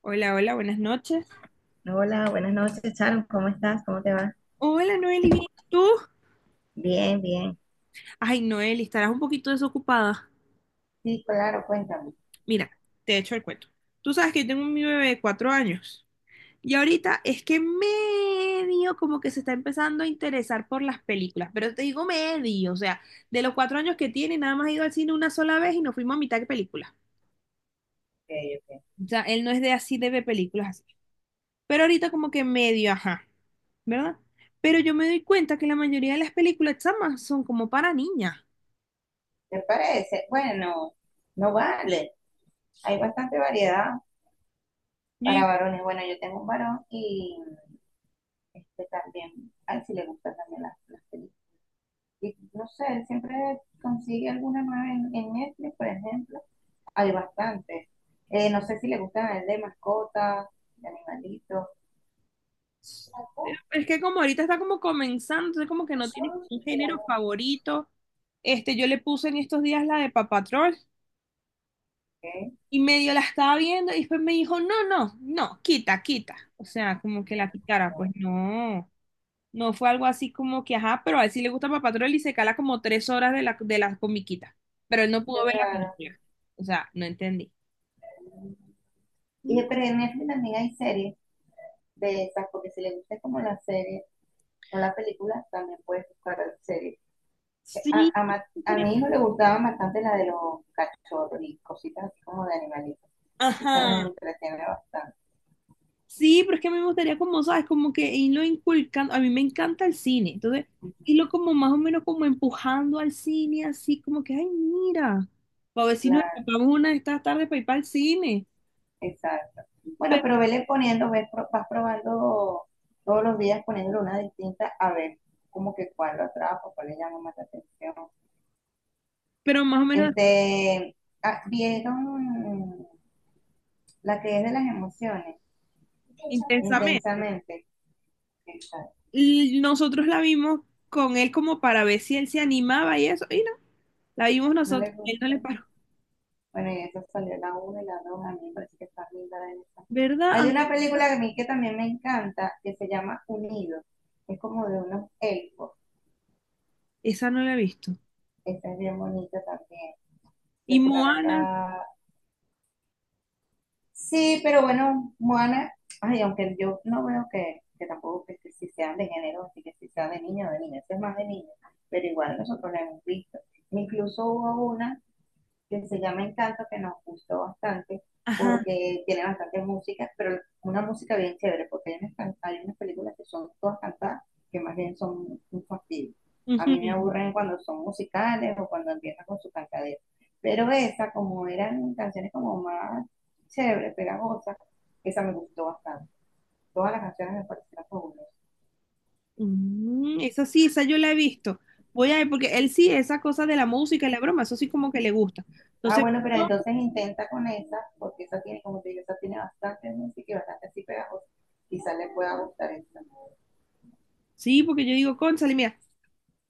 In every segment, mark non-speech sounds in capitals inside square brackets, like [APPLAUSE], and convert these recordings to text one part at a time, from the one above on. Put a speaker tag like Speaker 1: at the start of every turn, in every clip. Speaker 1: Hola, hola, buenas noches.
Speaker 2: Hola, buenas noches, Sharon. ¿Cómo estás? ¿Cómo te va?
Speaker 1: Hola, Noeli, ¿bien? ¿Y tú?
Speaker 2: Bien, bien.
Speaker 1: Ay, Noeli, estarás un poquito desocupada.
Speaker 2: Sí, claro, cuéntame. Ok,
Speaker 1: Mira, te echo el cuento. Tú sabes que yo tengo mi bebé de 4 años y ahorita es que medio como que se está empezando a interesar por las películas, pero te digo medio, o sea, de los 4 años que tiene, nada más ha ido al cine una sola vez y nos fuimos a mitad de película.
Speaker 2: ok.
Speaker 1: O sea, él no es de así de ver películas así. Pero ahorita como que medio, ajá, ¿verdad? Pero yo me doy cuenta que la mayoría de las películas chamas son como para niñas.
Speaker 2: ¿Te parece? Bueno, no vale. Hay bastante variedad para varones. Bueno, yo tengo un varón y también, a él sí le gustan también las películas. Y no sé, él siempre consigue alguna nueva en Netflix, por ejemplo. Hay bastantes. No sé si le gustan a él de mascotas, de animalitos.
Speaker 1: Es que como ahorita está como comenzando, entonces como que no tiene como un género favorito. Yo le puse en estos días la de Paw Patrol
Speaker 2: Ok,
Speaker 1: y medio la estaba viendo y después me dijo, no, no, no, quita, quita. O sea, como que la quitara, pues
Speaker 2: bueno.
Speaker 1: no. No fue algo así como que, ajá, pero a él sí le gusta Paw Patrol y se cala como 3 horas de la comiquita. Pero él no
Speaker 2: Qué
Speaker 1: pudo ver la
Speaker 2: raro.
Speaker 1: película. O sea, no entendí.
Speaker 2: Y pero en Netflix también hay series de esas, porque si le gusta como la serie o la película, también puedes buscar series.
Speaker 1: Sí,
Speaker 2: A mi hijo le gustaba bastante la de los cachorros y cositas así como de animalitos. Y se
Speaker 1: ajá.
Speaker 2: las entretiene bastante.
Speaker 1: Sí, pero es que a mí me gustaría como, ¿sabes? Como que irlo inculcando, a mí me encanta el cine, entonces irlo como más o menos como empujando al cine, así como que, ay, mira, para ver si nos
Speaker 2: La,
Speaker 1: escapamos una de estas tardes para ir para el cine,
Speaker 2: exacto. Bueno,
Speaker 1: pero,
Speaker 2: pero vele poniendo, ves, vas probando todos los días poniéndole una distinta a ver como que cuál lo atrapa, cuál le llama más la atención.
Speaker 1: pero más o menos
Speaker 2: Este, ¿Vieron la que es de las emociones,
Speaker 1: intensamente.
Speaker 2: intensamente. Intensamente. Exacto.
Speaker 1: Y nosotros la vimos con él como para ver si él se animaba y eso, y no, la vimos
Speaker 2: No les
Speaker 1: nosotros, él no le
Speaker 2: gusta.
Speaker 1: paró,
Speaker 2: Bueno, y eso salió la uno y la 2. A mí me parece que está linda esa.
Speaker 1: ¿verdad? A
Speaker 2: Hay
Speaker 1: mí-
Speaker 2: una película que a mí que también me encanta, que se llama Unidos. Es como de unos elfos.
Speaker 1: esa no la he visto.
Speaker 2: Esta es bien bonita también.
Speaker 1: Y
Speaker 2: Se
Speaker 1: Moana,
Speaker 2: trata. Sí, pero bueno, Moana. Ay, aunque yo no veo que tampoco que, que si sean de género, así que si sea de niño o de niña. Eso es más de niño. Pero igual nosotros la hemos visto. Incluso hubo una que se llama Encanto, que nos gustó bastante
Speaker 1: ajá,
Speaker 2: porque tiene bastante música, pero una música bien chévere, porque hay hay unas películas que son todas cantadas, que más bien son un fastidio. A mí me
Speaker 1: ujú.
Speaker 2: aburren cuando son musicales o cuando empiezan con su cantadera. Pero esa, como eran canciones como más chéveres, pegajosas, esa me gustó bastante. Todas las canciones me parecieron fabulosas.
Speaker 1: Esa sí, esa yo la he visto. Voy a ver, porque él sí, esa cosa de la música y la broma, eso sí como que le gusta.
Speaker 2: Ah,
Speaker 1: Entonces,
Speaker 2: bueno, pero
Speaker 1: no,
Speaker 2: entonces intenta con esa, porque esa tiene, como te digo, esa tiene bastante música y bastante así pegajosa. Quizás le pueda gustar esa.
Speaker 1: sí, porque yo digo, cónchale, mira,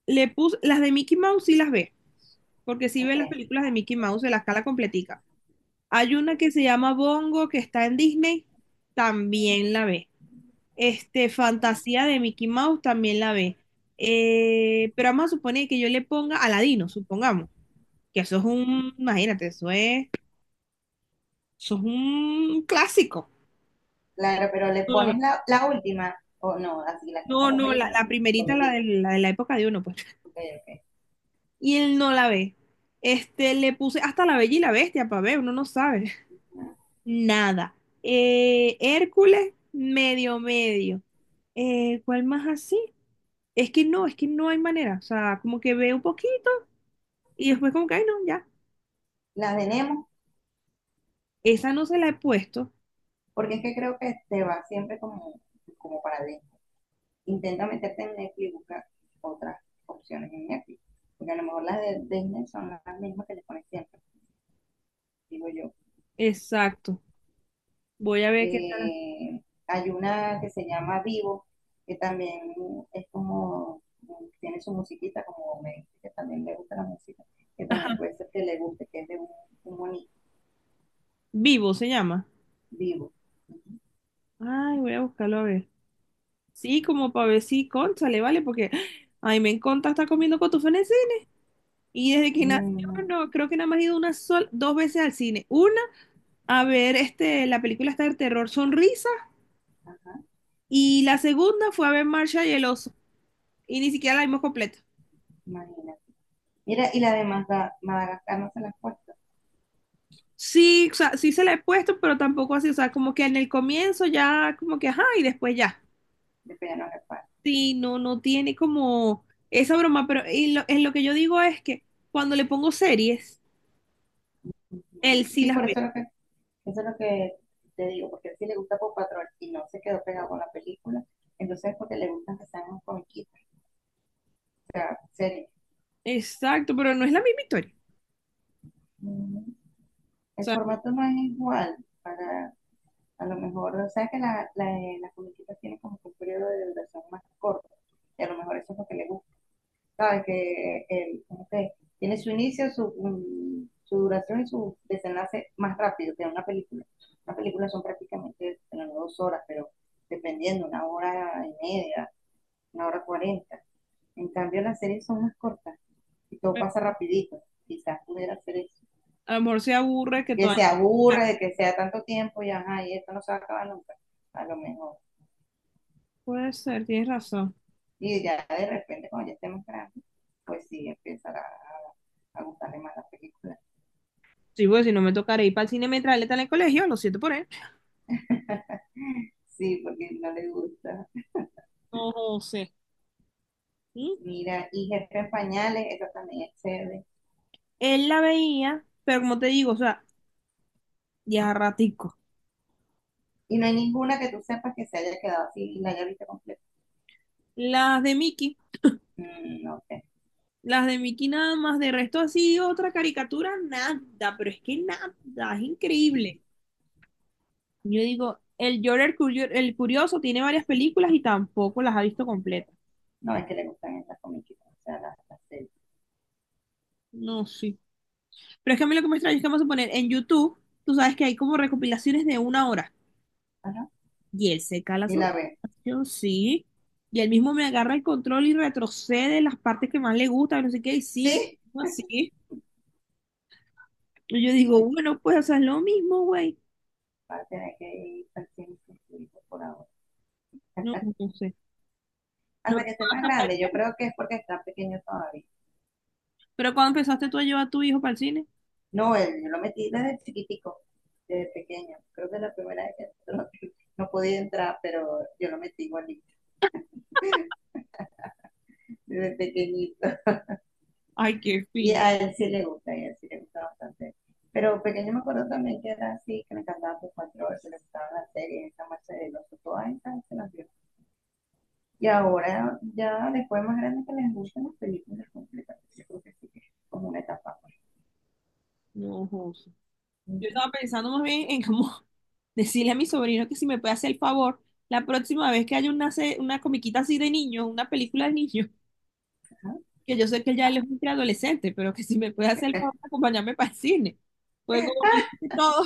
Speaker 1: le puse, las de Mickey Mouse sí las ve, porque sí ve las
Speaker 2: Okay.
Speaker 1: películas de Mickey Mouse de la escala completica. Hay una que se llama Bongo, que está en Disney, también la ve. Fantasía de Mickey Mouse también la ve. Pero vamos a suponer que yo le ponga Aladino, supongamos, que eso es
Speaker 2: Ujú.
Speaker 1: un, imagínate, eso es un clásico.
Speaker 2: Claro, pero le
Speaker 1: No la ve.
Speaker 2: pones la última, o no, así la que es
Speaker 1: No,
Speaker 2: como
Speaker 1: no, la,
Speaker 2: película,
Speaker 1: la
Speaker 2: la
Speaker 1: primerita, la de
Speaker 2: comidita.
Speaker 1: la, de la época de uno, pues.
Speaker 2: Ok, ok.
Speaker 1: Y él no la ve. Le puse hasta la Bella y la Bestia para ver, uno no sabe.
Speaker 2: Ah.
Speaker 1: Nada. Hércules, medio, medio. ¿Cuál más así? Es que no hay manera. O sea, como que veo un poquito y después como que, ay, no, ya.
Speaker 2: La de Nemo,
Speaker 1: Esa no se la he puesto.
Speaker 2: porque es que creo que te va siempre como, como para adentro. Intenta meterte en Netflix y busca otras opciones en Netflix, porque a lo mejor las de Disney son las mismas que le pones siempre, digo yo.
Speaker 1: Exacto. Voy a ver qué tal.
Speaker 2: Eh, hay una que se llama Vivo, que también es como, tiene su musiquita, como me dice que también le gusta la música, que también
Speaker 1: Ajá.
Speaker 2: puede ser que le guste, que es de un monito
Speaker 1: Vivo se llama.
Speaker 2: vivo.
Speaker 1: Ay, voy a buscarlo a ver. Sí, como para ver si, cónchale, ¿vale? Porque, ay, me encanta estar comiendo cotufanés y desde que nació,
Speaker 2: Mm,
Speaker 1: no, creo que nada más he ido una sola, dos veces al cine. Una, a ver la película está de terror Sonrisa y la segunda fue a ver Marsha y el oso y ni siquiera la vimos completa.
Speaker 2: imagínate. Mira, y la de Madagascar no se la han puesto,
Speaker 1: Sí, o sea, sí se la he puesto, pero tampoco así, o sea, como que en el comienzo ya, como que, ajá, y después ya.
Speaker 2: de Piano Reparo.
Speaker 1: Sí, no, no tiene como esa broma, pero en lo que yo digo es que cuando le pongo series, él sí
Speaker 2: Sí,
Speaker 1: las
Speaker 2: por
Speaker 1: ve.
Speaker 2: eso es lo que, eso es lo que te digo, porque si le gusta Paw Patrol y no se quedó pegado con la película, entonces es porque le gustan que sean unos comiquitos, o sea, series.
Speaker 1: Exacto, pero no es la misma historia. O
Speaker 2: El
Speaker 1: sea,
Speaker 2: formato no es igual para, a lo mejor, o sea que las comiquitas tienen como que un periodo de duración más corto, y a lo mejor eso es lo que le gusta, ¿sabes? Que el, como que tiene su inicio, su duración y su desenlace más rápido que una película. Una película son prácticamente bueno, no dos horas, pero dependiendo, una hora y media, una hora cuarenta. En cambio, las series son más cortas y todo pasa rapidito. Quizás pudiera hacer eso.
Speaker 1: a lo mejor se aburre que
Speaker 2: Que
Speaker 1: todavía
Speaker 2: se
Speaker 1: no
Speaker 2: aburre de que sea tanto tiempo y ajá, y esto no se va a acabar nunca, a lo mejor.
Speaker 1: puede ser, tienes razón.
Speaker 2: Y ya de repente, cuando ya estemos grandes, pues sí, empezará a gustarle más la película.
Speaker 1: Sí, pues si no me tocaré ir para el cine mientras él está en el colegio, lo siento por él.
Speaker 2: Sí, porque no le gusta.
Speaker 1: No sé. ¿Mm?
Speaker 2: Mira, y Jefe en Pañales, esa también es chévere.
Speaker 1: Él la veía, pero como te digo, o sea, ya ratico.
Speaker 2: Y no hay ninguna que tú sepas que se haya quedado así y la haya visto completa.
Speaker 1: Las de Mickey,
Speaker 2: Mm, no sé.
Speaker 1: las de Mickey nada más, de resto así, otra caricatura, nada, pero es que nada, es
Speaker 2: Mm,
Speaker 1: increíble. Yo digo, el Jorge el Curioso tiene varias películas y tampoco las ha visto completas.
Speaker 2: no, es que le gustan estas comiquitas, o sea, las series.
Speaker 1: No, sí. Pero es que a mí lo que me extraña es que vamos a poner en YouTube, tú sabes que hay como recopilaciones de 1 hora.
Speaker 2: Ajá.
Speaker 1: Y él se cala
Speaker 2: Y
Speaker 1: su
Speaker 2: la ve.
Speaker 1: recopilación, sí. Y él mismo me agarra el control y retrocede las partes que más le gustan, no sé qué, y sigue
Speaker 2: ¿Sí?
Speaker 1: así. Y yo digo,
Speaker 2: Bueno,
Speaker 1: bueno, pues, o sea, es lo mismo, güey.
Speaker 2: va a tener que ir al cine con su hijo por ahora,
Speaker 1: No, no sé. Pero,
Speaker 2: hasta que esté más grande. Yo creo que es porque está pequeño todavía.
Speaker 1: pero cuando empezaste tú a llevar a tu hijo para el cine,
Speaker 2: No, él, yo lo metí desde chiquitico, desde pequeño. Creo que es la primera vez que [LAUGHS] entró. No podía entrar, pero yo lo metí igualito, [LAUGHS] desde pequeñito.
Speaker 1: ay, qué
Speaker 2: Y
Speaker 1: fin.
Speaker 2: a él sí le gusta, y a él sí le gusta bastante. Pero pequeño me acuerdo también que era así, que me encantaba sus cuatro horas, que le gustaban las series, esa marcha de los todas esas se las vio. Y ahora, ya después más grande que les gustan las películas completas, yo creo que sí que es como una etapa.
Speaker 1: No, José. Yo
Speaker 2: Uh-huh.
Speaker 1: estaba pensando más bien en cómo [LAUGHS] decirle a mi sobrino que si me puede hacer el favor, la próxima vez que haya una, una comiquita así de niños, una película de niños
Speaker 2: Ajá.
Speaker 1: que yo sé que ya él es un preadolescente, pero que si me puede hacer el favor de acompañarme para el cine. Pues como
Speaker 2: [LAUGHS]
Speaker 1: me dice todo,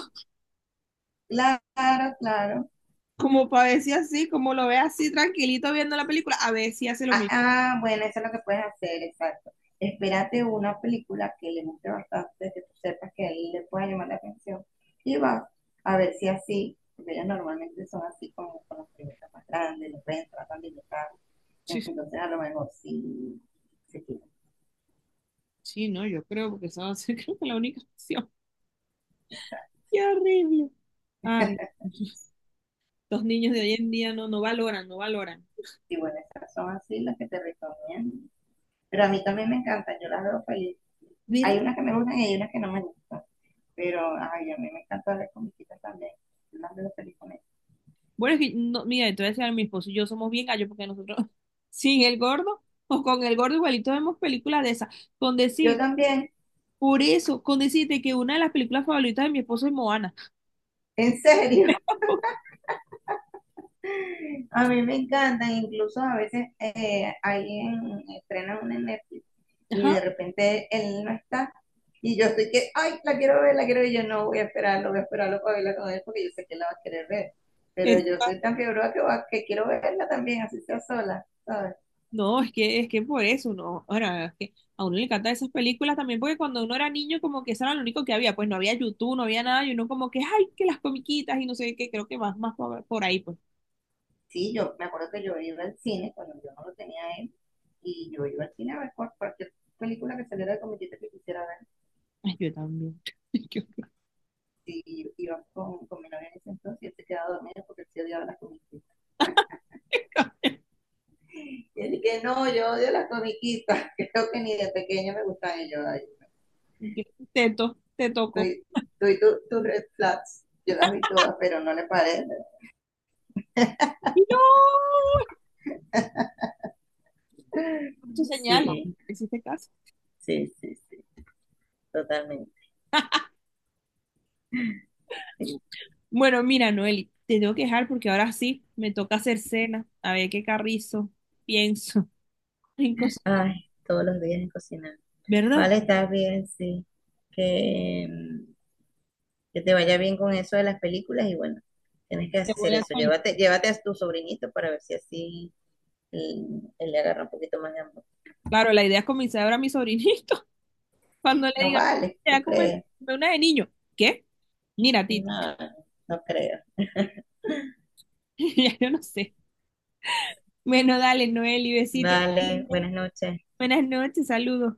Speaker 2: Claro, claro.
Speaker 1: [LAUGHS] como para ver si así, como lo ve así tranquilito viendo la película, a ver si hace lo
Speaker 2: Ah,
Speaker 1: mismo.
Speaker 2: ah, bueno, eso es lo que puedes hacer, exacto. Espérate una película que le guste bastante, que tú sepas que a él le pueda llamar la atención. Y vas a ver si así, porque ellas normalmente son así como con las preguntas más grandes, los ven, tratan de educar.
Speaker 1: Sí, sí,
Speaker 2: Entonces a lo mejor sí se quieren.
Speaker 1: sí, no, yo creo, porque esa va a ser [LAUGHS] creo que la única opción. [LAUGHS]
Speaker 2: Exacto.
Speaker 1: Qué horrible. Ay, [LAUGHS] los niños de hoy en día no, no valoran, no valoran.
Speaker 2: Y bueno, esas son así las que te recomiendo. Pero a mí también me encantan, yo las veo feliz. Hay
Speaker 1: ¿Verdad?
Speaker 2: unas que me gustan y hay unas que no me gustan. Pero ay, a mí me encanta ver comiquitas también. Yo las veo feliz con ellas.
Speaker 1: Bueno, es que, no, mira, entonces a mi esposo y yo somos bien gallos porque nosotros, [LAUGHS] sin el gordo o con el gordo igualito vemos películas de esas, con
Speaker 2: Yo
Speaker 1: decir.
Speaker 2: también,
Speaker 1: Por eso, con decirte que una de las películas favoritas de mi esposo es Moana.
Speaker 2: en serio.
Speaker 1: [LAUGHS]
Speaker 2: [LAUGHS] A mí me encantan, incluso a veces alguien estrena una en Netflix y de
Speaker 1: Ajá.
Speaker 2: repente él no está y yo estoy que, ay, la quiero ver, y yo no voy a esperarlo, voy a esperarlo para verla con él porque yo sé que la va a querer ver, pero
Speaker 1: es-
Speaker 2: yo soy tan fiebre que, que quiero verla también, así sea sola, ¿sabes?
Speaker 1: no, es que, por eso, no. Ahora, es que a uno le encantan esas películas también, porque cuando uno era niño, como que eso era lo único que había. Pues no había YouTube, no había nada, y uno como que, ay, que las comiquitas y no sé qué, creo que más por ahí, pues.
Speaker 2: Sí, yo me acuerdo que yo iba al cine cuando yo no lo tenía a él y yo iba al cine a ver cualquier película que saliera de comediante que quisiera ver.
Speaker 1: Ay, yo también. [LAUGHS] Yo-
Speaker 2: Y yo iba con mi novia en ese entonces y él se quedaba dormido porque él se odiaba las comiquitas.
Speaker 1: [LAUGHS]
Speaker 2: Y él que no, yo odio las comiquitas, [LAUGHS] creo que ni de pequeño me gustan ellos. Ay,
Speaker 1: te
Speaker 2: tú,
Speaker 1: toco.
Speaker 2: tú y tus red flags, yo las vi todas, pero no le parece.
Speaker 1: Y no, tu señal, no
Speaker 2: Sí,
Speaker 1: hiciste caso.
Speaker 2: sí, sí, sí, totalmente.
Speaker 1: Bueno, mira, Noeli, te tengo que dejar porque ahora sí me toca hacer cena, a ver qué carrizo pienso [LAUGHS] en cocinar,
Speaker 2: Ay, todos los días en cocinar.
Speaker 1: ¿verdad?
Speaker 2: Vale, está bien, sí. Que, mm, que te vaya bien con eso de las películas y bueno, tienes que
Speaker 1: Te
Speaker 2: hacer
Speaker 1: voy a
Speaker 2: eso.
Speaker 1: actualizar.
Speaker 2: Llévate, llévate a tu sobrinito para ver si así él, él le agarra un poquito más de amor.
Speaker 1: Claro, la idea es comenzar ahora a mi sobrinito [LAUGHS] cuando le
Speaker 2: No
Speaker 1: diga,
Speaker 2: vale,
Speaker 1: te va
Speaker 2: ¿tú
Speaker 1: a comer
Speaker 2: crees?
Speaker 1: una de niño. ¿Qué? Mira, Titi,
Speaker 2: No, no creo.
Speaker 1: [LAUGHS] ya yo no sé. Bueno, dale, Noeli, besito.
Speaker 2: Vale, buenas noches.
Speaker 1: Buenas noches, saludos.